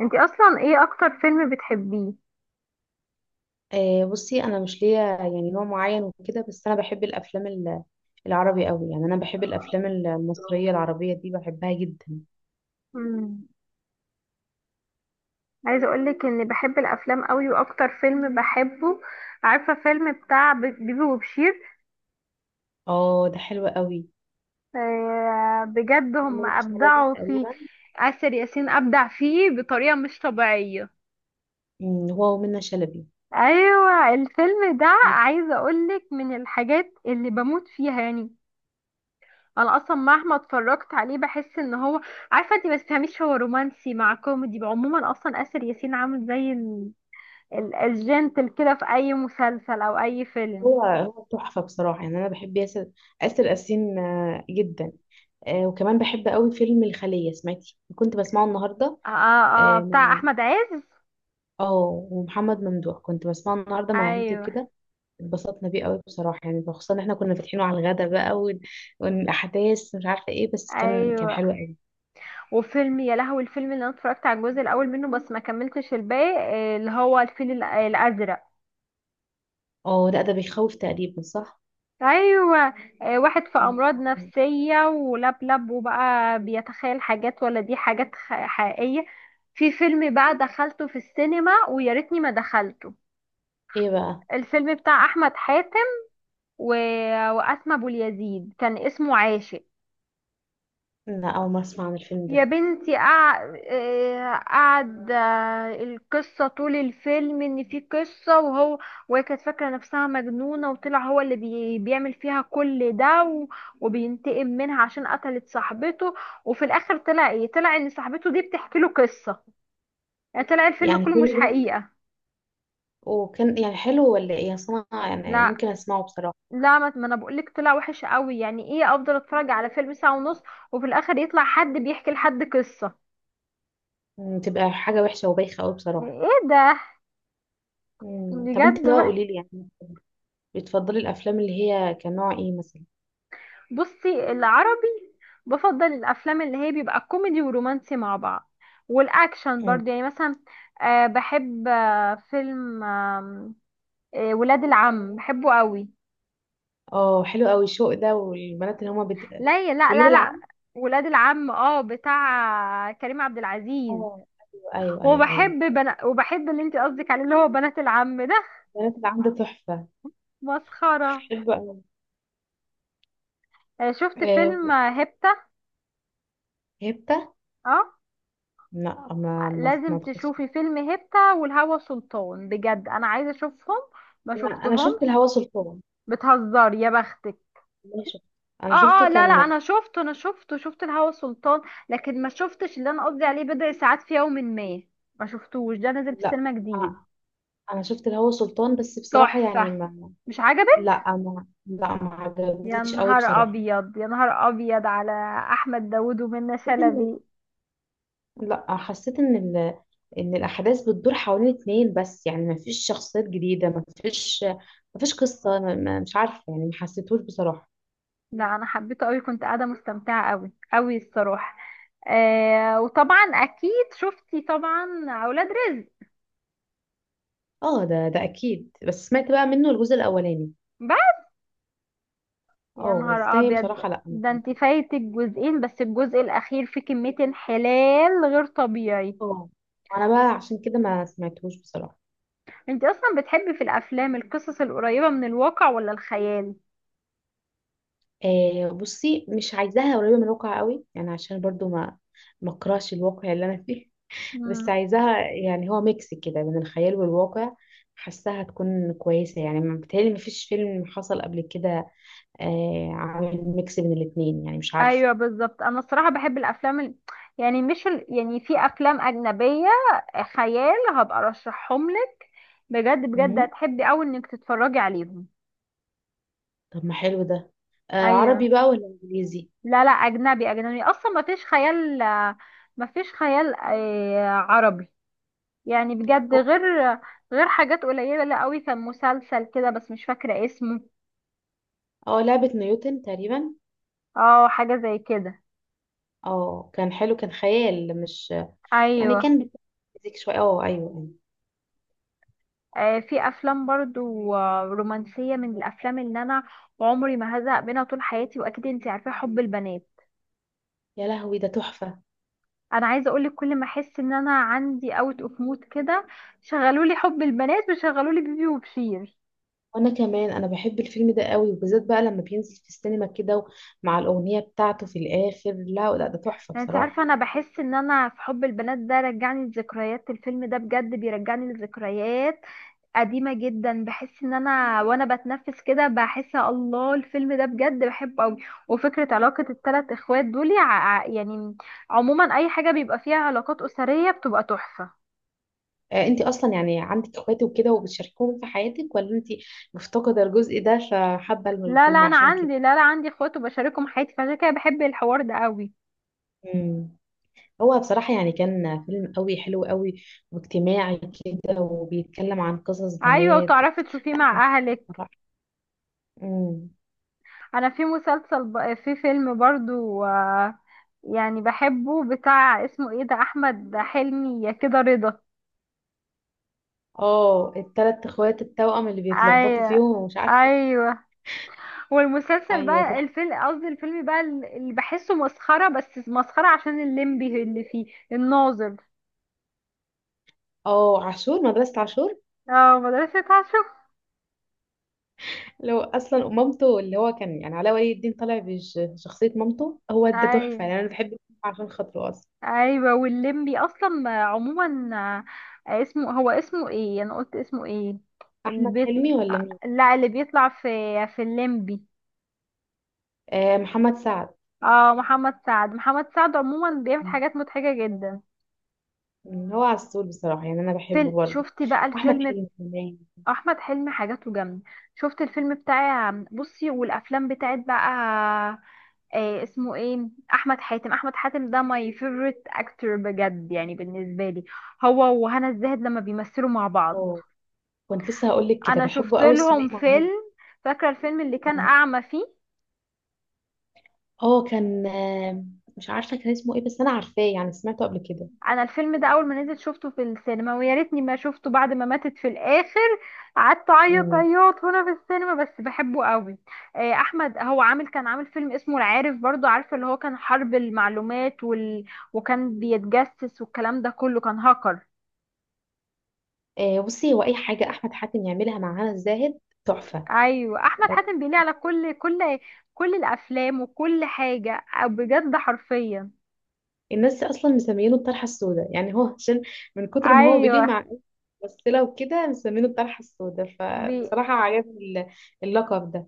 انتي اصلا ايه اكتر فيلم بتحبيه؟ بصي انا مش ليا يعني نوع معين وكده، بس انا بحب الافلام العربي قوي، يعني انا بحب الافلام المصريه العربيه دي بحبها جدا. مم. عايزه اقولك اني بحب الافلام قوي واكتر فيلم بحبه. عارفه فيلم بتاع بيبي وبشير. اه، ده حلو قوي. آه، بجد هم منة شلبي ابدعوا فيه. تقريبا. آسر ياسين ابدع فيه بطريقه مش طبيعيه. هو ومنة شلبي. ايوه، الفيلم ده مم، عايزه اقولك من الحاجات اللي بموت فيها يعني. انا اصلا مهما اتفرجت عليه بحس ان هو. عارفه انت ما تفهميش، هو رومانسي مع كوميدي، عموما اصلا اسر ياسين عامل زي الجنتل كده في اي مسلسل او اي فيلم. هو تحفه بصراحه، يعني انا بحب آسر ياسين. جدا. وكمان بحب قوي فيلم الخليه، سمعتي؟ كنت بسمعه النهارده. اه، اه، آه، بتاع اه. احمد عز. آه، ومحمد ممدوح كنت بسمعه النهارده مع عيلتي ايوه وكده. اتبسطنا بيه قوي بصراحة، يعني خصوصا ان احنا كنا فاتحينه على الغدا بقى، والاحداث مش عارفة ايه، بس كان ايوه. حلو قوي. وفيلم يا لهوي، الفيلم اللي انا اتفرجت على الجزء الاول منه بس ما كملتش الباقي، آه، اللي هو الفيل الازرق. اه، لا ده بيخوف تقريبا، صح؟ ايوه. آه، واحد في امراض مم. نفسيه ولاب لاب وبقى بيتخيل حاجات، ولا دي حاجات حقيقيه. في فيلم بقى دخلته في السينما ويا ريتني ما دخلته. ايه بقى؟ الفيلم بتاع احمد حاتم و... واسماء ابو اليزيد، كان اسمه عاشق. لا، اول مرة اسمع عن الفيلم يا ده. بنتي، قعد، القصة طول الفيلم ان في قصة، وهو وهي كانت فاكرة نفسها مجنونة، وطلع هو اللي بيعمل فيها كل ده وبينتقم منها عشان قتلت صاحبته. وفي الاخر طلع ايه؟ طلع ان صاحبته دي بتحكي له قصة، يعني طلع الفيلم يعني كله كل مش ده؟ حقيقة. وكان يعني حلو ولا ايه؟ اصل انا يعني لا، ممكن اسمعه بصراحة. لا، ما انا بقولك طلع وحش قوي، يعني ايه افضل اتفرج على فيلم ساعة ونص وفي الاخر يطلع حد بيحكي لحد قصة؟ تبقى حاجة وحشة وبايخة قوي بصراحة. ايه ده؟ مم. طب بجد. انت بقى قولي لي يعني بتفضلي الافلام اللي هي كان نوع ايه مثلا؟ بصي، العربي. بفضل الافلام اللي هي بيبقى كوميدي ورومانسي مع بعض، والاكشن مم. برضه يعني مثلا. بحب فيلم، آم، آه ولاد العم بحبه قوي. اه، حلو قوي الشوق ده والبنات اللي هما لا، لا، ولاد لا، لا. العم. ولاد العم، بتاع كريم عبد اه، العزيز. ايوه، ايوه، ايوه، ايوه. وبحب اللي انت قصدك عليه، اللي هو بنات العم ده، البنات اللي عنده تحفة. مسخرة. بحبه أوي. شفت فيلم، آه، هيبتا. هبتة. اه، لا، ما لازم أعتقدش. تشوفي فيلم هيبتا والهوى سلطان، بجد انا عايزة اشوفهم، ما أنا شفت شفتهمش. الهوى سلطان. بتهزر؟ يا بختك! والله شفت. اه، أنا شفته اه، لا، لا، كان. انا شفته شفت الهوى سلطان، لكن ما شفتش اللي انا قصدي عليه، بضع ساعات في يوم ما، ما شفتوش، ده نزل في لا. السينما جديد. آه، أنا شفت الهوى سلطان، بس بصراحة يعني تحفة. ما. مش عجبك؟ لا، ما يا عجبنيش قوي نهار بصراحة. ابيض، يا نهار ابيض على احمد داوود ومنى حسيت إن، شلبي. لا، حسيت إن إن الأحداث بتدور حوالين اتنين بس، يعني ما فيش شخصيات جديدة، ما فيش قصة، ما... ما مش عارفة يعني ما حسيتهوش بصراحة. لا، انا حبيته قوي، كنت قاعده مستمتعه قوي قوي الصراحه. وطبعا اكيد شفتي طبعا اولاد رزق. اه، ده أكيد، بس سمعت بقى منه الجزء الأولاني. يا اه، نهار التاني ابيض. بصراحة لا، ما ده انت فهمتوش. فايتك جزئين، بس الجزء الاخير فيه كمية انحلال غير طبيعي. اه، انا بقى عشان كده ما سمعتهوش بصراحة. انت اصلا بتحبي في الافلام القصص القريبة من الواقع ولا الخيال؟ بصي، مش عايزاها قريبة من الواقع قوي، يعني عشان برضو ما اكرهش الواقع اللي انا فيه. بس مم. عايزاها يعني هو ميكس كده بين الخيال والواقع، حاساها تكون كويسة. يعني بتهيألي ما فيش فيلم حصل قبل كده عامل ميكس بين الاتنين، يعني مش عارفة. ايوه بالظبط، انا الصراحة بحب الافلام يعني مش يعني في افلام اجنبية خيال، هبقى ارشحهم لك، بجد بجد مم. هتحبي اوي انك تتفرجي عليهم. طب ما حلو ده. عربي ايوه. بقى ولا انجليزي؟ لا، لا، اجنبي اجنبي اصلا ما فيش خيال، ما فيش خيال، عربي يعني، بجد، غير حاجات قليلة قوي، كان مسلسل كده بس مش فاكرة اسمه. اه، لعبة نيوتن تقريبا. اه، حاجة زي كده. اه، كان حلو كان خيال مش يعني، ايوه. كان بيتمزج شويه. اه، ايوه، ايوه. في افلام برضو، رومانسية، من الافلام اللي انا عمري ما هزهق منها طول حياتي، واكيد انتي عارفة حب البنات. يا لهوي ده تحفه. انا عايزة اقولك كل ما احس ان انا عندي اوت اوف مود كده، شغلولي حب البنات وشغلولي بيبي وبشير. وانا كمان انا بحب الفيلم ده قوي، وبالذات بقى لما بينزل في السينما كده مع الاغنيه بتاعته في الاخر، لا لا، ده تحفه يعني انت عارفة بصراحه. انا بحس ان انا في حب البنات ده رجعني لذكريات، الفيلم ده بجد بيرجعني لذكريات قديمة جدا، بحس ان انا وانا بتنفس كده، بحس الله، الفيلم ده بجد بحبه قوي. وفكرة علاقة الثلاث اخوات دول يعني، عموما اي حاجة بيبقى فيها علاقات اسرية بتبقى تحفة. انت اصلا يعني عندك اخواتي وكده وبتشاركوهم في حياتك، ولا انت مفتقده الجزء ده فحابه لا، لا، الفيلم انا عشان كده؟ عندي، لا، لا، عندي اخوات وبشاركهم حياتي، فعشان كده بحب الحوار ده قوي. مم. هو بصراحة يعني كان فيلم قوي، حلو قوي واجتماعي كده، وبيتكلم عن قصص ايوه، بنات. وتعرفي تشوفيه لا، كان مع حلو اهلك. بصراحة. مم. انا في فيلم برضو، يعني بحبه، بتاع اسمه ايه ده، احمد حلمي يا كده، رضا. اه، التلات اخوات التوأم اللي بيتلخبطوا ايوه، فيهم ومش عارفه إيه. ايوه، هو المسلسل ايوه، بقى تحفه. الفيلم قصدي، الفيلم بقى اللي بحسه مسخرة، بس مسخرة عشان الليمبي اللي فيه، الناظر. اه، عاشور، مدرسه عاشور. اه، مدرسة عشر. لو اصلا مامته اللي هو كان يعني علاء ولي الدين طالع بشخصيه مامته، هو ده تحفه أي. يعني، انا بحب الفيلم عشان خاطره اصلا. أيوة، والليمبي أصلا عموما، اسمه، هو اسمه ايه، أنا قلت اسمه ايه، اللي احمد بيطلع، حلمي ولا مين؟ لا، اللي بيطلع في الليمبي. آه، محمد سعد. اه، محمد سعد، محمد سعد عموما بيعمل حاجات مضحكة جدا. هو عسول بصراحه يعني، انا بحبه برضه. شفتي بقى احمد الفيلم حلمي كمان. أحمد حلمي، حاجاته جامدة. شفت الفيلم بتاع، بصي، والأفلام بتاعت بقى اسمه ايه، احمد حاتم، احمد حاتم ده ماي فيفورت اكتور، بجد يعني بالنسبه لي، هو وهنا الزاهد لما بيمثلوا مع بعض. اه، كنت لسه هقول لك كده، انا بحبه شفت قوي لهم الثنائي مع هنا. فيلم، فاكره الفيلم اللي كان مم. اعمى فيه؟ اه، كان مش عارفه كان اسمه ايه، بس انا عارفاه يعني، سمعته قبل كده. انا الفيلم ده اول ما نزل شفته في السينما ويا ريتني ما شفته، بعد ما ماتت في الاخر قعدت اعيط مم. عياط هنا في السينما، بس بحبه قوي. احمد هو كان عامل فيلم اسمه العارف برضو، عارفه، اللي هو كان حرب المعلومات وكان بيتجسس، والكلام ده كله، كان هاكر. بصي، هو اي حاجه احمد حاتم يعملها مع هنا الزاهد تحفه. ايوه، احمد حاتم بيليه على كل الافلام، وكل حاجه، بجد حرفيا. الناس اصلا مسمينه الطرحه السوداء، يعني هو عشان من كتر ما هو ايوه، بيليه مع ممثله وكده مسمينه الطرحه السوداء، بي فبصراحه عجبني ال- اللقب ده.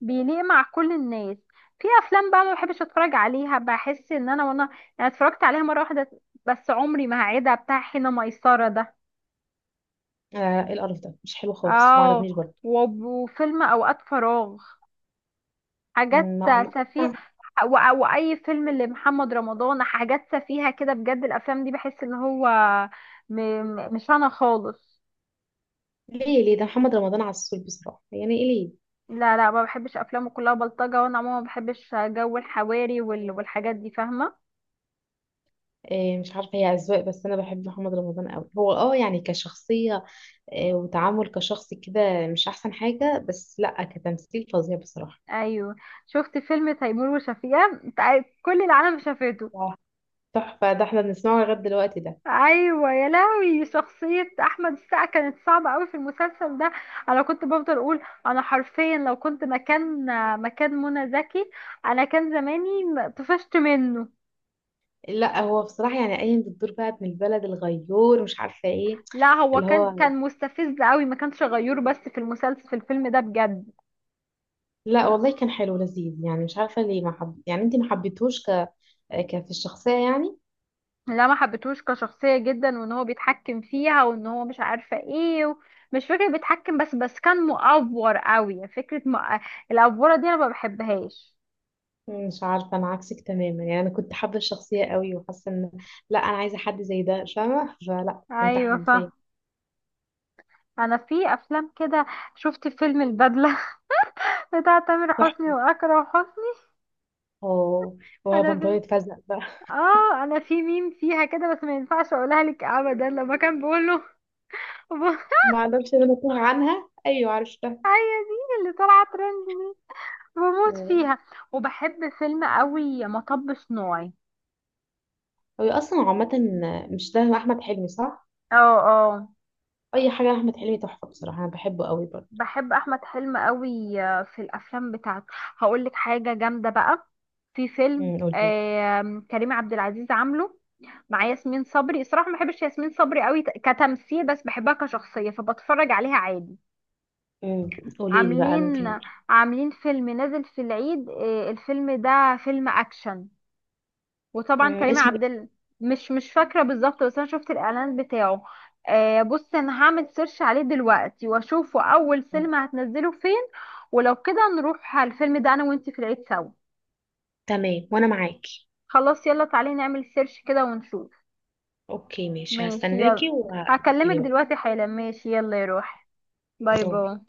بيليق مع كل الناس. في افلام بقى ما بحبش اتفرج عليها، بحس ان انا وانا يعني اتفرجت عليها مره واحده بس، عمري ما هعيدها، بتاع حين ميسره ده. آه، إيه القرف ده؟ مش حلو خالص، ما اه، عجبنيش برضه. وفيلم اوقات فراغ، حاجات ما ما سفيه، ما- واي فيلم لمحمد رمضان، حاجات سفيهه كده، بجد الافلام دي بحس ان هو مش انا خالص. ليه ليه ده؟ محمد رمضان عسول بصراحه، يعني ايه ليه؟ لا، لا، ما بحبش افلامه، كلها بلطجه، وانا عموما ما بحبش جو الحواري والحاجات دي، فاهمه. مش عارفه، هي اذواق، بس انا بحب محمد رمضان قوي، هو اه يعني كشخصيه وتعامل كشخص كده مش احسن حاجه، بس لا كتمثيل فظيع بصراحه. ايوه. شفت فيلم تيمور وشفيقة، كل العالم شافته. تحفة، ده احنا بنسمعه لغاية دلوقتي ده. ايوه يا لهوي، شخصيه احمد السقا كانت صعبه قوي في المسلسل ده، انا كنت بفضل اقول انا حرفيا لو كنت مكان، مكان منى زكي، انا كان زماني طفشت منه. لا، هو بصراحة يعني قايم بالدور بقى، ابن البلد الغيور مش عارفة ايه. لا، هو اللي كان هو، كان مستفز قوي، ما كانش غيور، بس في المسلسل، في الفيلم ده بجد. لا والله كان حلو لذيذ، يعني مش عارفة ليه ما حب... يعني انت ما حبيتهوش ك في الشخصية يعني؟ لا، ما حبيتهوش كشخصية جدا، وان هو بيتحكم فيها، وان هو مش عارفة ايه مش فكرة بيتحكم، بس كان مؤفور قوي، فكرة م... آه، الأفورة دي انا ما بحبهاش. مش عارفة، انا عكسك تماما، يعني انا كنت حابة الشخصية قوي، وحاسة ان، لا انا عايزة حد زي ده فاهمة، فلا كنت ايوه حابة. فاهمة. انا في افلام كده، شفت فيلم البدلة بتاع تامر حسني تحفة. واكرم حسني. اه، انا في وبنطلونة فزق بقى. اه انا في ميم فيها كده، بس ما ينفعش اقولها لك ابدا، لما كان بيقول له ما اعرفش إن انا تاه عنها، ايوه عرفتها. هي دي اللي طالعة ترند دي، بموت آه. فيها. وبحب فيلم قوي مطب صناعي. هو اصلا عامة، مش ده احمد حلمي صح؟ اه، اه، اي حاجه لاحمد حلمي تحفه بصراحه، انا بحبه قوي برضه. بحب احمد حلمي قوي، في الافلام بتاعته. هقول لك حاجه جامده بقى، في فيلم قولي لي. كريم عبد العزيز عامله مع ياسمين صبري، الصراحه ما بحبش ياسمين صبري قوي كتمثيل، بس بحبها كشخصيه فبتفرج عليها عادي. امم قولي لي بقى من عاملين فيلم. عاملين فيلم نازل في العيد، الفيلم ده فيلم اكشن، وطبعا كريم اسمه عبد مش فاكره بالظبط، بس انا شفت الاعلان بتاعه. بص، انا هعمل سيرش عليه دلوقتي واشوفه اول ايه؟ سينما هتنزله فين، ولو كده نروح على الفيلم ده انا وانتي في العيد سوا. تمام، وانا معاكي. خلاص، يلا تعالي نعمل سيرش كده ونشوف. اوكي، ماشي، ماشي، هستناكي يلا، وهتقولي هكلمك لي بقى. دلوقتي حالا. ماشي يلا يروح، باي، باي. باي.